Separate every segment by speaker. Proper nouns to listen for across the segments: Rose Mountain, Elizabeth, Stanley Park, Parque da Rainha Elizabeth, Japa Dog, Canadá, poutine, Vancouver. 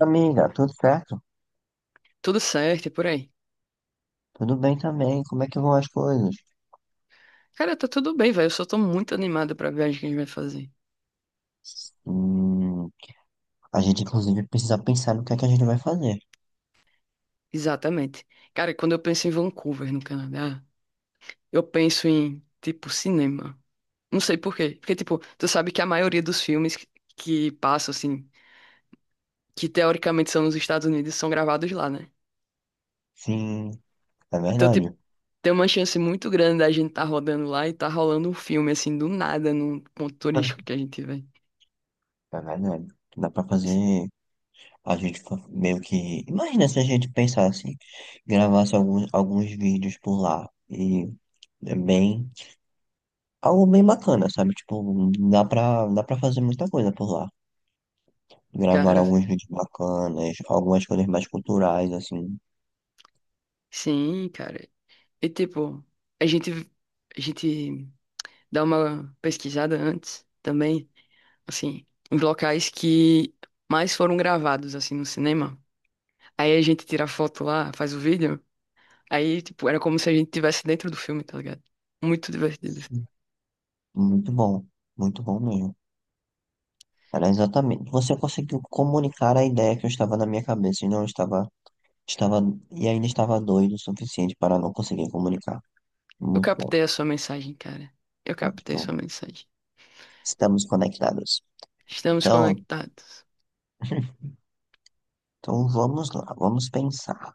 Speaker 1: Amiga, tudo certo?
Speaker 2: Tudo certo e por aí.
Speaker 1: Tudo bem também? Como é que vão as coisas?
Speaker 2: Cara, tá tudo bem, velho. Eu só tô muito animado pra viagem que a gente vai fazer.
Speaker 1: Hum, a gente, inclusive, precisa pensar no que é que a gente vai fazer.
Speaker 2: Exatamente. Cara, quando eu penso em Vancouver, no Canadá, eu penso em, tipo, cinema. Não sei por quê. Porque, tipo, tu sabe que a maioria dos filmes que passam, assim, que teoricamente são nos Estados Unidos, são gravados lá, né?
Speaker 1: Sim, é
Speaker 2: Então, tipo,
Speaker 1: verdade.
Speaker 2: tem uma chance muito grande da gente tá rodando lá e tá rolando um filme, assim, do nada, num ponto turístico que a gente vai.
Speaker 1: É verdade. Dá pra fazer. A gente meio que. Imagina se a gente pensasse, gravasse alguns vídeos por lá. E é bem. Algo bem bacana, sabe? Tipo, dá pra fazer muita coisa por lá. Gravar
Speaker 2: Cara,
Speaker 1: alguns vídeos bacanas, algumas coisas mais culturais, assim.
Speaker 2: sim, cara. E, tipo, a gente. A gente. Dá uma pesquisada antes também, assim, em locais que mais foram gravados, assim, no cinema. Aí a gente tira a foto lá, faz o vídeo. Aí, tipo, era como se a gente estivesse dentro do filme, tá ligado? Muito divertido.
Speaker 1: Muito bom, muito bom mesmo. Era exatamente. Você conseguiu comunicar a ideia que eu estava na minha cabeça e não estava, estava e ainda estava doido o suficiente para não conseguir comunicar.
Speaker 2: Eu
Speaker 1: Muito bom.
Speaker 2: captei a sua mensagem, cara. Eu
Speaker 1: Tá?
Speaker 2: captei a
Speaker 1: Então,
Speaker 2: sua mensagem.
Speaker 1: estamos conectados.
Speaker 2: Estamos
Speaker 1: Então,
Speaker 2: conectados.
Speaker 1: então vamos lá, vamos pensar.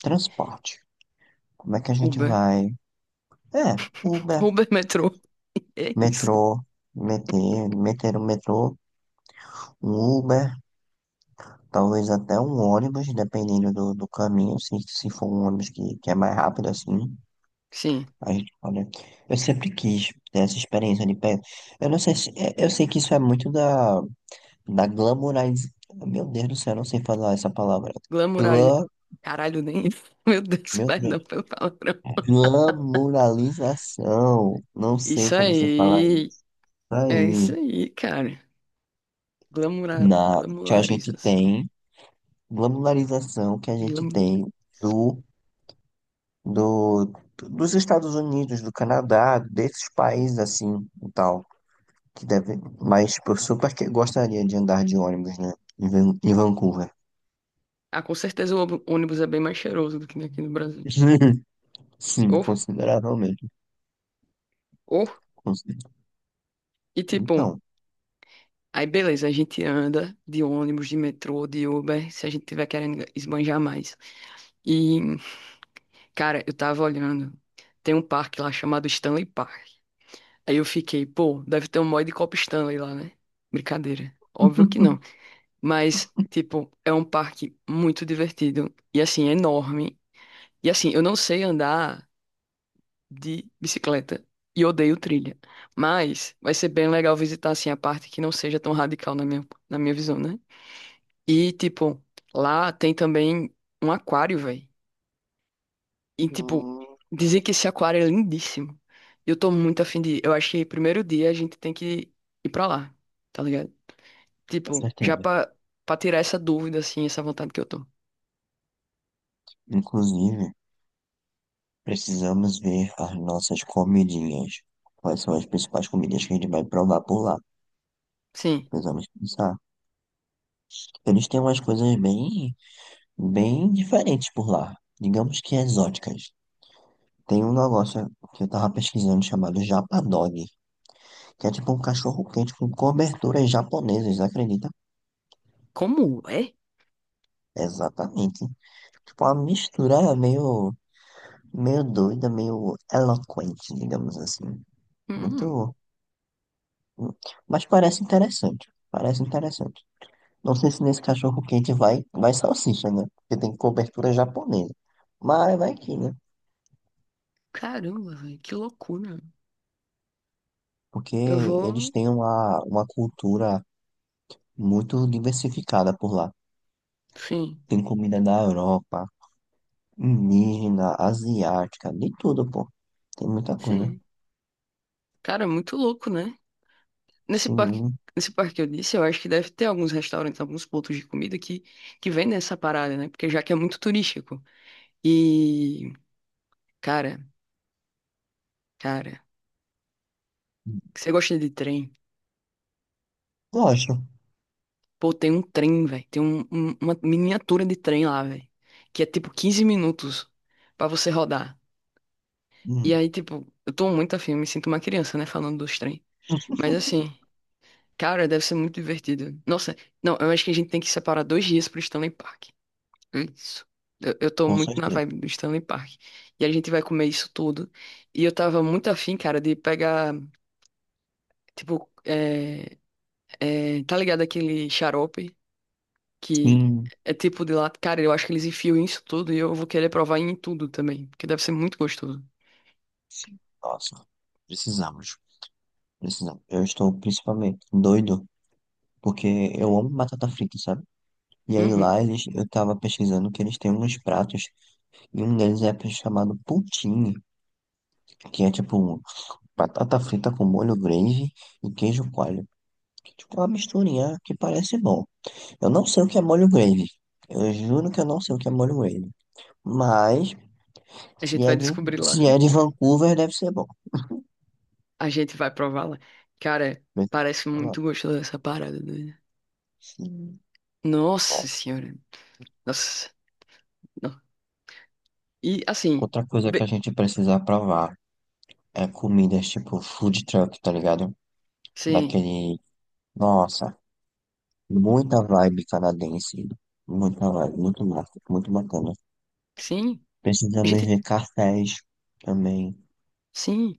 Speaker 1: Transporte. Como é que a gente
Speaker 2: Uber.
Speaker 1: vai? É, Uber,
Speaker 2: Uber, metrô. É isso.
Speaker 1: metrô, meter o metrô, um Uber, talvez até um ônibus, dependendo do caminho, se for um ônibus que é mais rápido assim.
Speaker 2: Sim.
Speaker 1: A gente, olha, eu sempre quis ter essa experiência de pé. Eu não sei se. Eu sei que isso é muito da glamoriz... Meu Deus do céu, eu não sei falar essa palavra.
Speaker 2: Glamourari...
Speaker 1: Glam...
Speaker 2: Caralho, nem isso. Meu Deus,
Speaker 1: Meu
Speaker 2: perdão
Speaker 1: Deus.
Speaker 2: pelo palavrão.
Speaker 1: Glamoralização. Não sei
Speaker 2: Isso
Speaker 1: como se fala
Speaker 2: aí.
Speaker 1: isso
Speaker 2: É
Speaker 1: aí.
Speaker 2: isso aí, cara. Glamoura,
Speaker 1: Na... Que a gente
Speaker 2: glamularização.
Speaker 1: tem. Glamoralização que a gente
Speaker 2: Glamu-
Speaker 1: tem do, do, dos Estados Unidos, do Canadá, desses países assim e tal. Que deve, mas tipo, eu super que gostaria de andar de ônibus, né? Em Vancouver.
Speaker 2: Ah, com certeza o ônibus é bem mais cheiroso do que aqui no Brasil.
Speaker 1: Sim,
Speaker 2: Ou,
Speaker 1: consideravelmente.
Speaker 2: ou,
Speaker 1: consi-
Speaker 2: e tipo,
Speaker 1: Então,
Speaker 2: aí beleza, a gente anda de ônibus, de metrô, de Uber, se a gente tiver querendo esbanjar mais. E, cara, eu tava olhando, tem um parque lá chamado Stanley Park. Aí eu fiquei, pô, deve ter um mod de Copa Stanley lá, né? Brincadeira. Óbvio que não. Mas, tipo, é um parque muito divertido. E assim, é enorme. E assim, eu não sei andar de bicicleta e odeio trilha. Mas vai ser bem legal visitar assim a parte que não seja tão radical na minha visão, né? E tipo, lá tem também um aquário, velho. E tipo,
Speaker 1: hum,
Speaker 2: dizem que esse aquário é lindíssimo. E eu tô muito afim de ir. Eu acho que primeiro dia a gente tem que ir pra lá, tá ligado?
Speaker 1: com
Speaker 2: Tipo,
Speaker 1: certeza.
Speaker 2: pra tirar essa dúvida, assim, essa vontade que eu tô.
Speaker 1: Inclusive, precisamos ver as nossas comidinhas. Quais são as principais comidas que a gente vai provar por lá?
Speaker 2: Sim.
Speaker 1: Precisamos pensar. Eles têm umas coisas bem, bem diferentes por lá. Digamos que exóticas. Tem um negócio que eu tava pesquisando chamado Japa Dog. Que é tipo um cachorro quente com coberturas japonesas, acredita?
Speaker 2: Como é?
Speaker 1: Exatamente. Tipo, uma mistura meio, meio doida, meio eloquente, digamos assim.
Speaker 2: Hum,
Speaker 1: Muito. Mas parece interessante. Parece interessante. Não sei se nesse cachorro quente vai salsicha, né? Porque tem cobertura japonesa. Mas vai que, né?
Speaker 2: caramba, velho, que loucura.
Speaker 1: Porque
Speaker 2: Eu
Speaker 1: eles
Speaker 2: vou.
Speaker 1: têm uma cultura muito diversificada por lá.
Speaker 2: Sim.
Speaker 1: Tem comida da Europa, indígena, asiática, de tudo, pô. Tem muita coisa.
Speaker 2: Sim. Cara, é muito louco, né? Nesse parque,
Speaker 1: Sim,
Speaker 2: nesse parque que eu disse, eu acho que deve ter alguns restaurantes, alguns pontos de comida que vendem essa parada, né? Porque já que é muito turístico. E, cara, cara, você gosta de trem?
Speaker 1: eu acho.
Speaker 2: Pô, tem um trem, velho. Tem uma miniatura de trem lá, velho. Que é tipo 15 minutos pra você rodar. E
Speaker 1: Hum,
Speaker 2: aí, tipo, eu tô muito afim, me sinto uma criança, né? Falando dos trem. Mas assim, cara, deve ser muito divertido. Nossa, não, eu acho que a gente tem que separar dois dias pro Stanley Park. É isso. Eu tô
Speaker 1: com
Speaker 2: muito na
Speaker 1: certeza.
Speaker 2: vibe do Stanley Park. E a gente vai comer isso tudo. E eu tava muito afim, cara, de pegar, tipo, tá ligado aquele xarope que
Speaker 1: Sim,
Speaker 2: é tipo de lá. Cara, eu acho que eles enfiam isso tudo e eu vou querer provar em tudo também, porque deve ser muito gostoso.
Speaker 1: sim. Nossa, precisamos. Precisamos. Eu estou principalmente doido, porque eu amo batata frita, sabe? E aí
Speaker 2: Uhum.
Speaker 1: lá eles, eu tava pesquisando que eles têm uns pratos, e um deles é chamado poutine, que é tipo batata frita com molho gravy e queijo coalho. Que, tipo, é tipo uma misturinha que parece bom. Eu não sei o que é molho gravy. Eu juro que eu não sei o que é molho gravy. Mas
Speaker 2: A
Speaker 1: Se
Speaker 2: gente
Speaker 1: é
Speaker 2: vai
Speaker 1: de,
Speaker 2: descobrir lá.
Speaker 1: se é de Vancouver, deve ser bom.
Speaker 2: A gente vai provar lá. Cara, parece muito gostoso essa parada, né?
Speaker 1: Sim.
Speaker 2: Nossa
Speaker 1: Nossa.
Speaker 2: senhora. Nossa. Não. E assim,
Speaker 1: Outra coisa que a
Speaker 2: be-
Speaker 1: gente precisa provar é comidas tipo food truck, tá ligado?
Speaker 2: sim,
Speaker 1: Daquele. Nossa, muita vibe canadense. Muita vibe, muito massa, muito bacana.
Speaker 2: sim. A
Speaker 1: Precisamos
Speaker 2: gente.
Speaker 1: ver cafés também.
Speaker 2: Sim,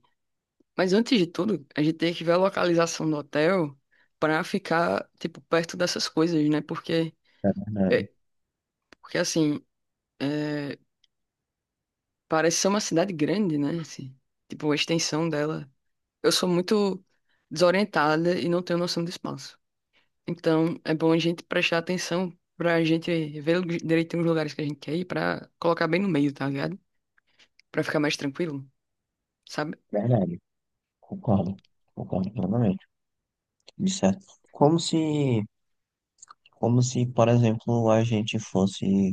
Speaker 2: mas antes de tudo, a gente tem que ver a localização do hotel para ficar, tipo, perto dessas coisas, né?
Speaker 1: Verdade,
Speaker 2: É, porque assim, é, parece ser uma cidade grande, né? Assim, tipo, a extensão dela. Eu sou muito desorientada e não tenho noção do espaço. Então, é bom a gente prestar atenção para a gente ver direitinho os lugares que a gente quer ir para colocar bem no meio, tá ligado? Para ficar mais tranquilo, sabe?
Speaker 1: verdade. Concordo, concordo plenamente. De certo. Como se, como se, por exemplo, a gente fosse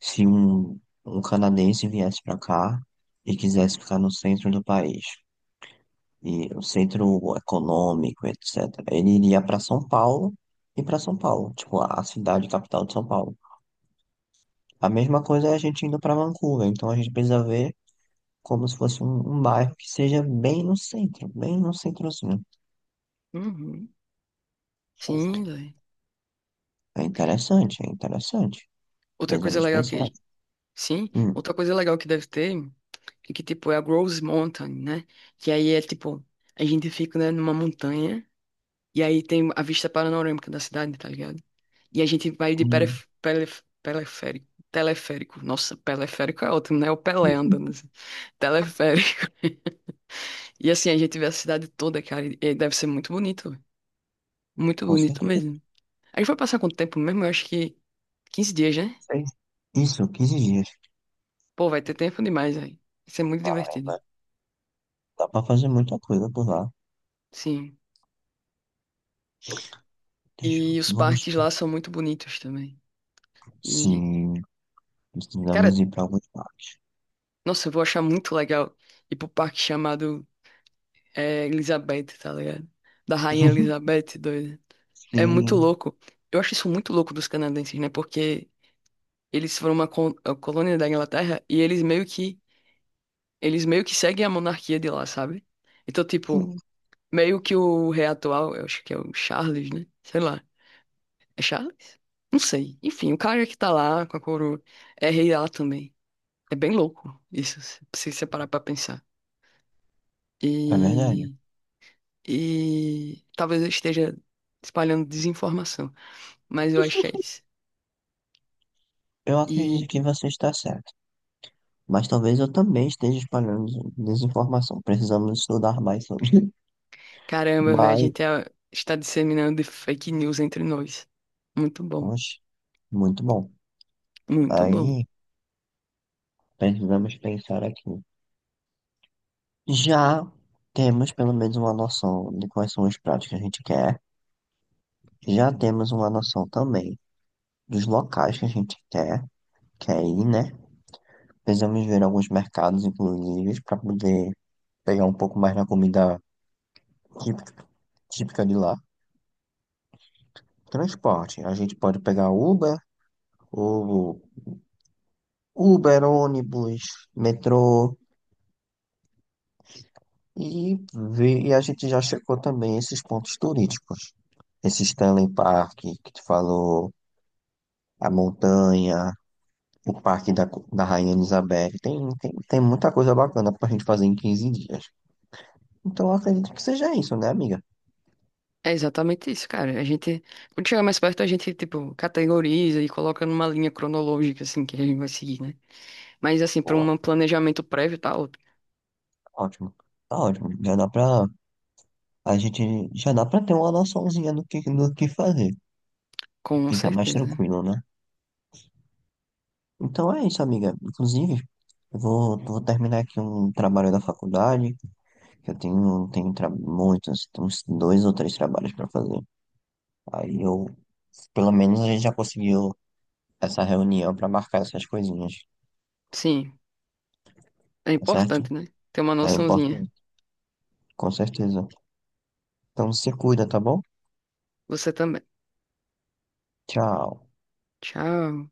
Speaker 1: se um canadense viesse para cá e quisesse ficar no centro do país, e o centro econômico, etc., ele iria para São Paulo e para São Paulo, tipo, a cidade capital de São Paulo. A mesma coisa é a gente indo para Vancouver, então a gente precisa ver como se fosse um bairro que seja bem no centro, bem no centrozinho.
Speaker 2: Uhum. Sim, velho.
Speaker 1: É interessante, é interessante.
Speaker 2: Outra coisa
Speaker 1: Precisamos
Speaker 2: legal
Speaker 1: pensar.
Speaker 2: que... Sim,
Speaker 1: Hum,
Speaker 2: outra coisa legal que deve ter é que, tipo, é a Rose Mountain, né? Que aí é, tipo, a gente fica, né, numa montanha e aí tem a vista panorâmica da cidade, tá ligado? E a gente vai de
Speaker 1: hum,
Speaker 2: peref... Pelef... peleférico. Teleférico. Nossa, peleférico é ótimo, né? O Pelé andando assim. Teleférico. E assim, a gente vê a cidade toda, cara, e deve ser muito bonito, velho. Muito
Speaker 1: com
Speaker 2: bonito
Speaker 1: certeza.
Speaker 2: mesmo. A gente vai passar quanto tempo mesmo? Eu acho que 15 dias, né?
Speaker 1: Isso, 15 dias.
Speaker 2: Pô, vai ter tempo demais aí. Vai ser muito divertido.
Speaker 1: Dá pra fazer muita coisa por lá.
Speaker 2: Sim.
Speaker 1: Deixa,
Speaker 2: E os
Speaker 1: vamos.
Speaker 2: parques lá são muito bonitos também. E,
Speaker 1: Sim,
Speaker 2: cara,
Speaker 1: precisamos ir pra alguns parques.
Speaker 2: nossa, eu vou achar muito legal ir pro parque chamado é, Elizabeth, tá ligado? Da Rainha Elizabeth, doida. É muito
Speaker 1: Sim,
Speaker 2: louco. Eu acho isso muito louco dos canadenses, né? Porque eles foram uma a colônia da Inglaterra e eles meio que seguem a monarquia de lá, sabe? Então, tipo,
Speaker 1: sim,
Speaker 2: meio que o rei atual, eu acho que é o Charles, né? Sei lá. É Charles? Não sei. Enfim, o cara que tá lá com a coroa é rei lá também. É bem louco isso, se você parar pra pensar.
Speaker 1: é verdade.
Speaker 2: E, e talvez eu esteja espalhando desinformação, mas eu acho que é isso.
Speaker 1: Eu acredito
Speaker 2: E
Speaker 1: que você está certo, mas talvez eu também esteja espalhando desinformação. Precisamos estudar mais sobre.
Speaker 2: caramba, velho,
Speaker 1: Mas,
Speaker 2: está disseminando fake news entre nós. Muito bom,
Speaker 1: oxe, muito bom.
Speaker 2: muito bom.
Speaker 1: Aí, precisamos pensar aqui. Já temos pelo menos uma noção de quais são os pratos que a gente quer. Já temos uma noção também dos locais que a gente quer, ir, né? Precisamos ver alguns mercados, inclusive, para poder pegar um pouco mais da comida típica, típica de lá. Transporte, a gente pode pegar Uber, ou Uber, ônibus, metrô, e, ver, e a gente já checou também esses pontos turísticos. Esse Stanley Park que tu falou, a montanha, o Parque da Rainha Elizabeth, tem muita coisa bacana pra gente fazer em 15 dias. Então eu acredito que seja isso, né, amiga?
Speaker 2: É exatamente isso, cara. A gente, quando chegar mais perto, a gente, tipo, categoriza e coloca numa linha cronológica, assim, que a gente vai seguir, né? Mas, assim, para um planejamento prévio, tá ótimo.
Speaker 1: Ótimo. Tá ótimo. Já dá pra. A gente já dá pra ter uma noçãozinha do que fazer.
Speaker 2: Com
Speaker 1: Ficar mais
Speaker 2: certeza.
Speaker 1: tranquilo, né? Então é isso, amiga. Inclusive, eu vou terminar aqui um trabalho da faculdade, que eu tenho muitos, tem uns dois ou três trabalhos para fazer. Aí eu, pelo menos a gente já conseguiu essa reunião para marcar essas coisinhas,
Speaker 2: Sim, é
Speaker 1: tá certo?
Speaker 2: importante, né? Ter uma
Speaker 1: É
Speaker 2: noçãozinha.
Speaker 1: importante, com certeza. Então se cuida, tá bom?
Speaker 2: Você também.
Speaker 1: Tchau.
Speaker 2: Tchau.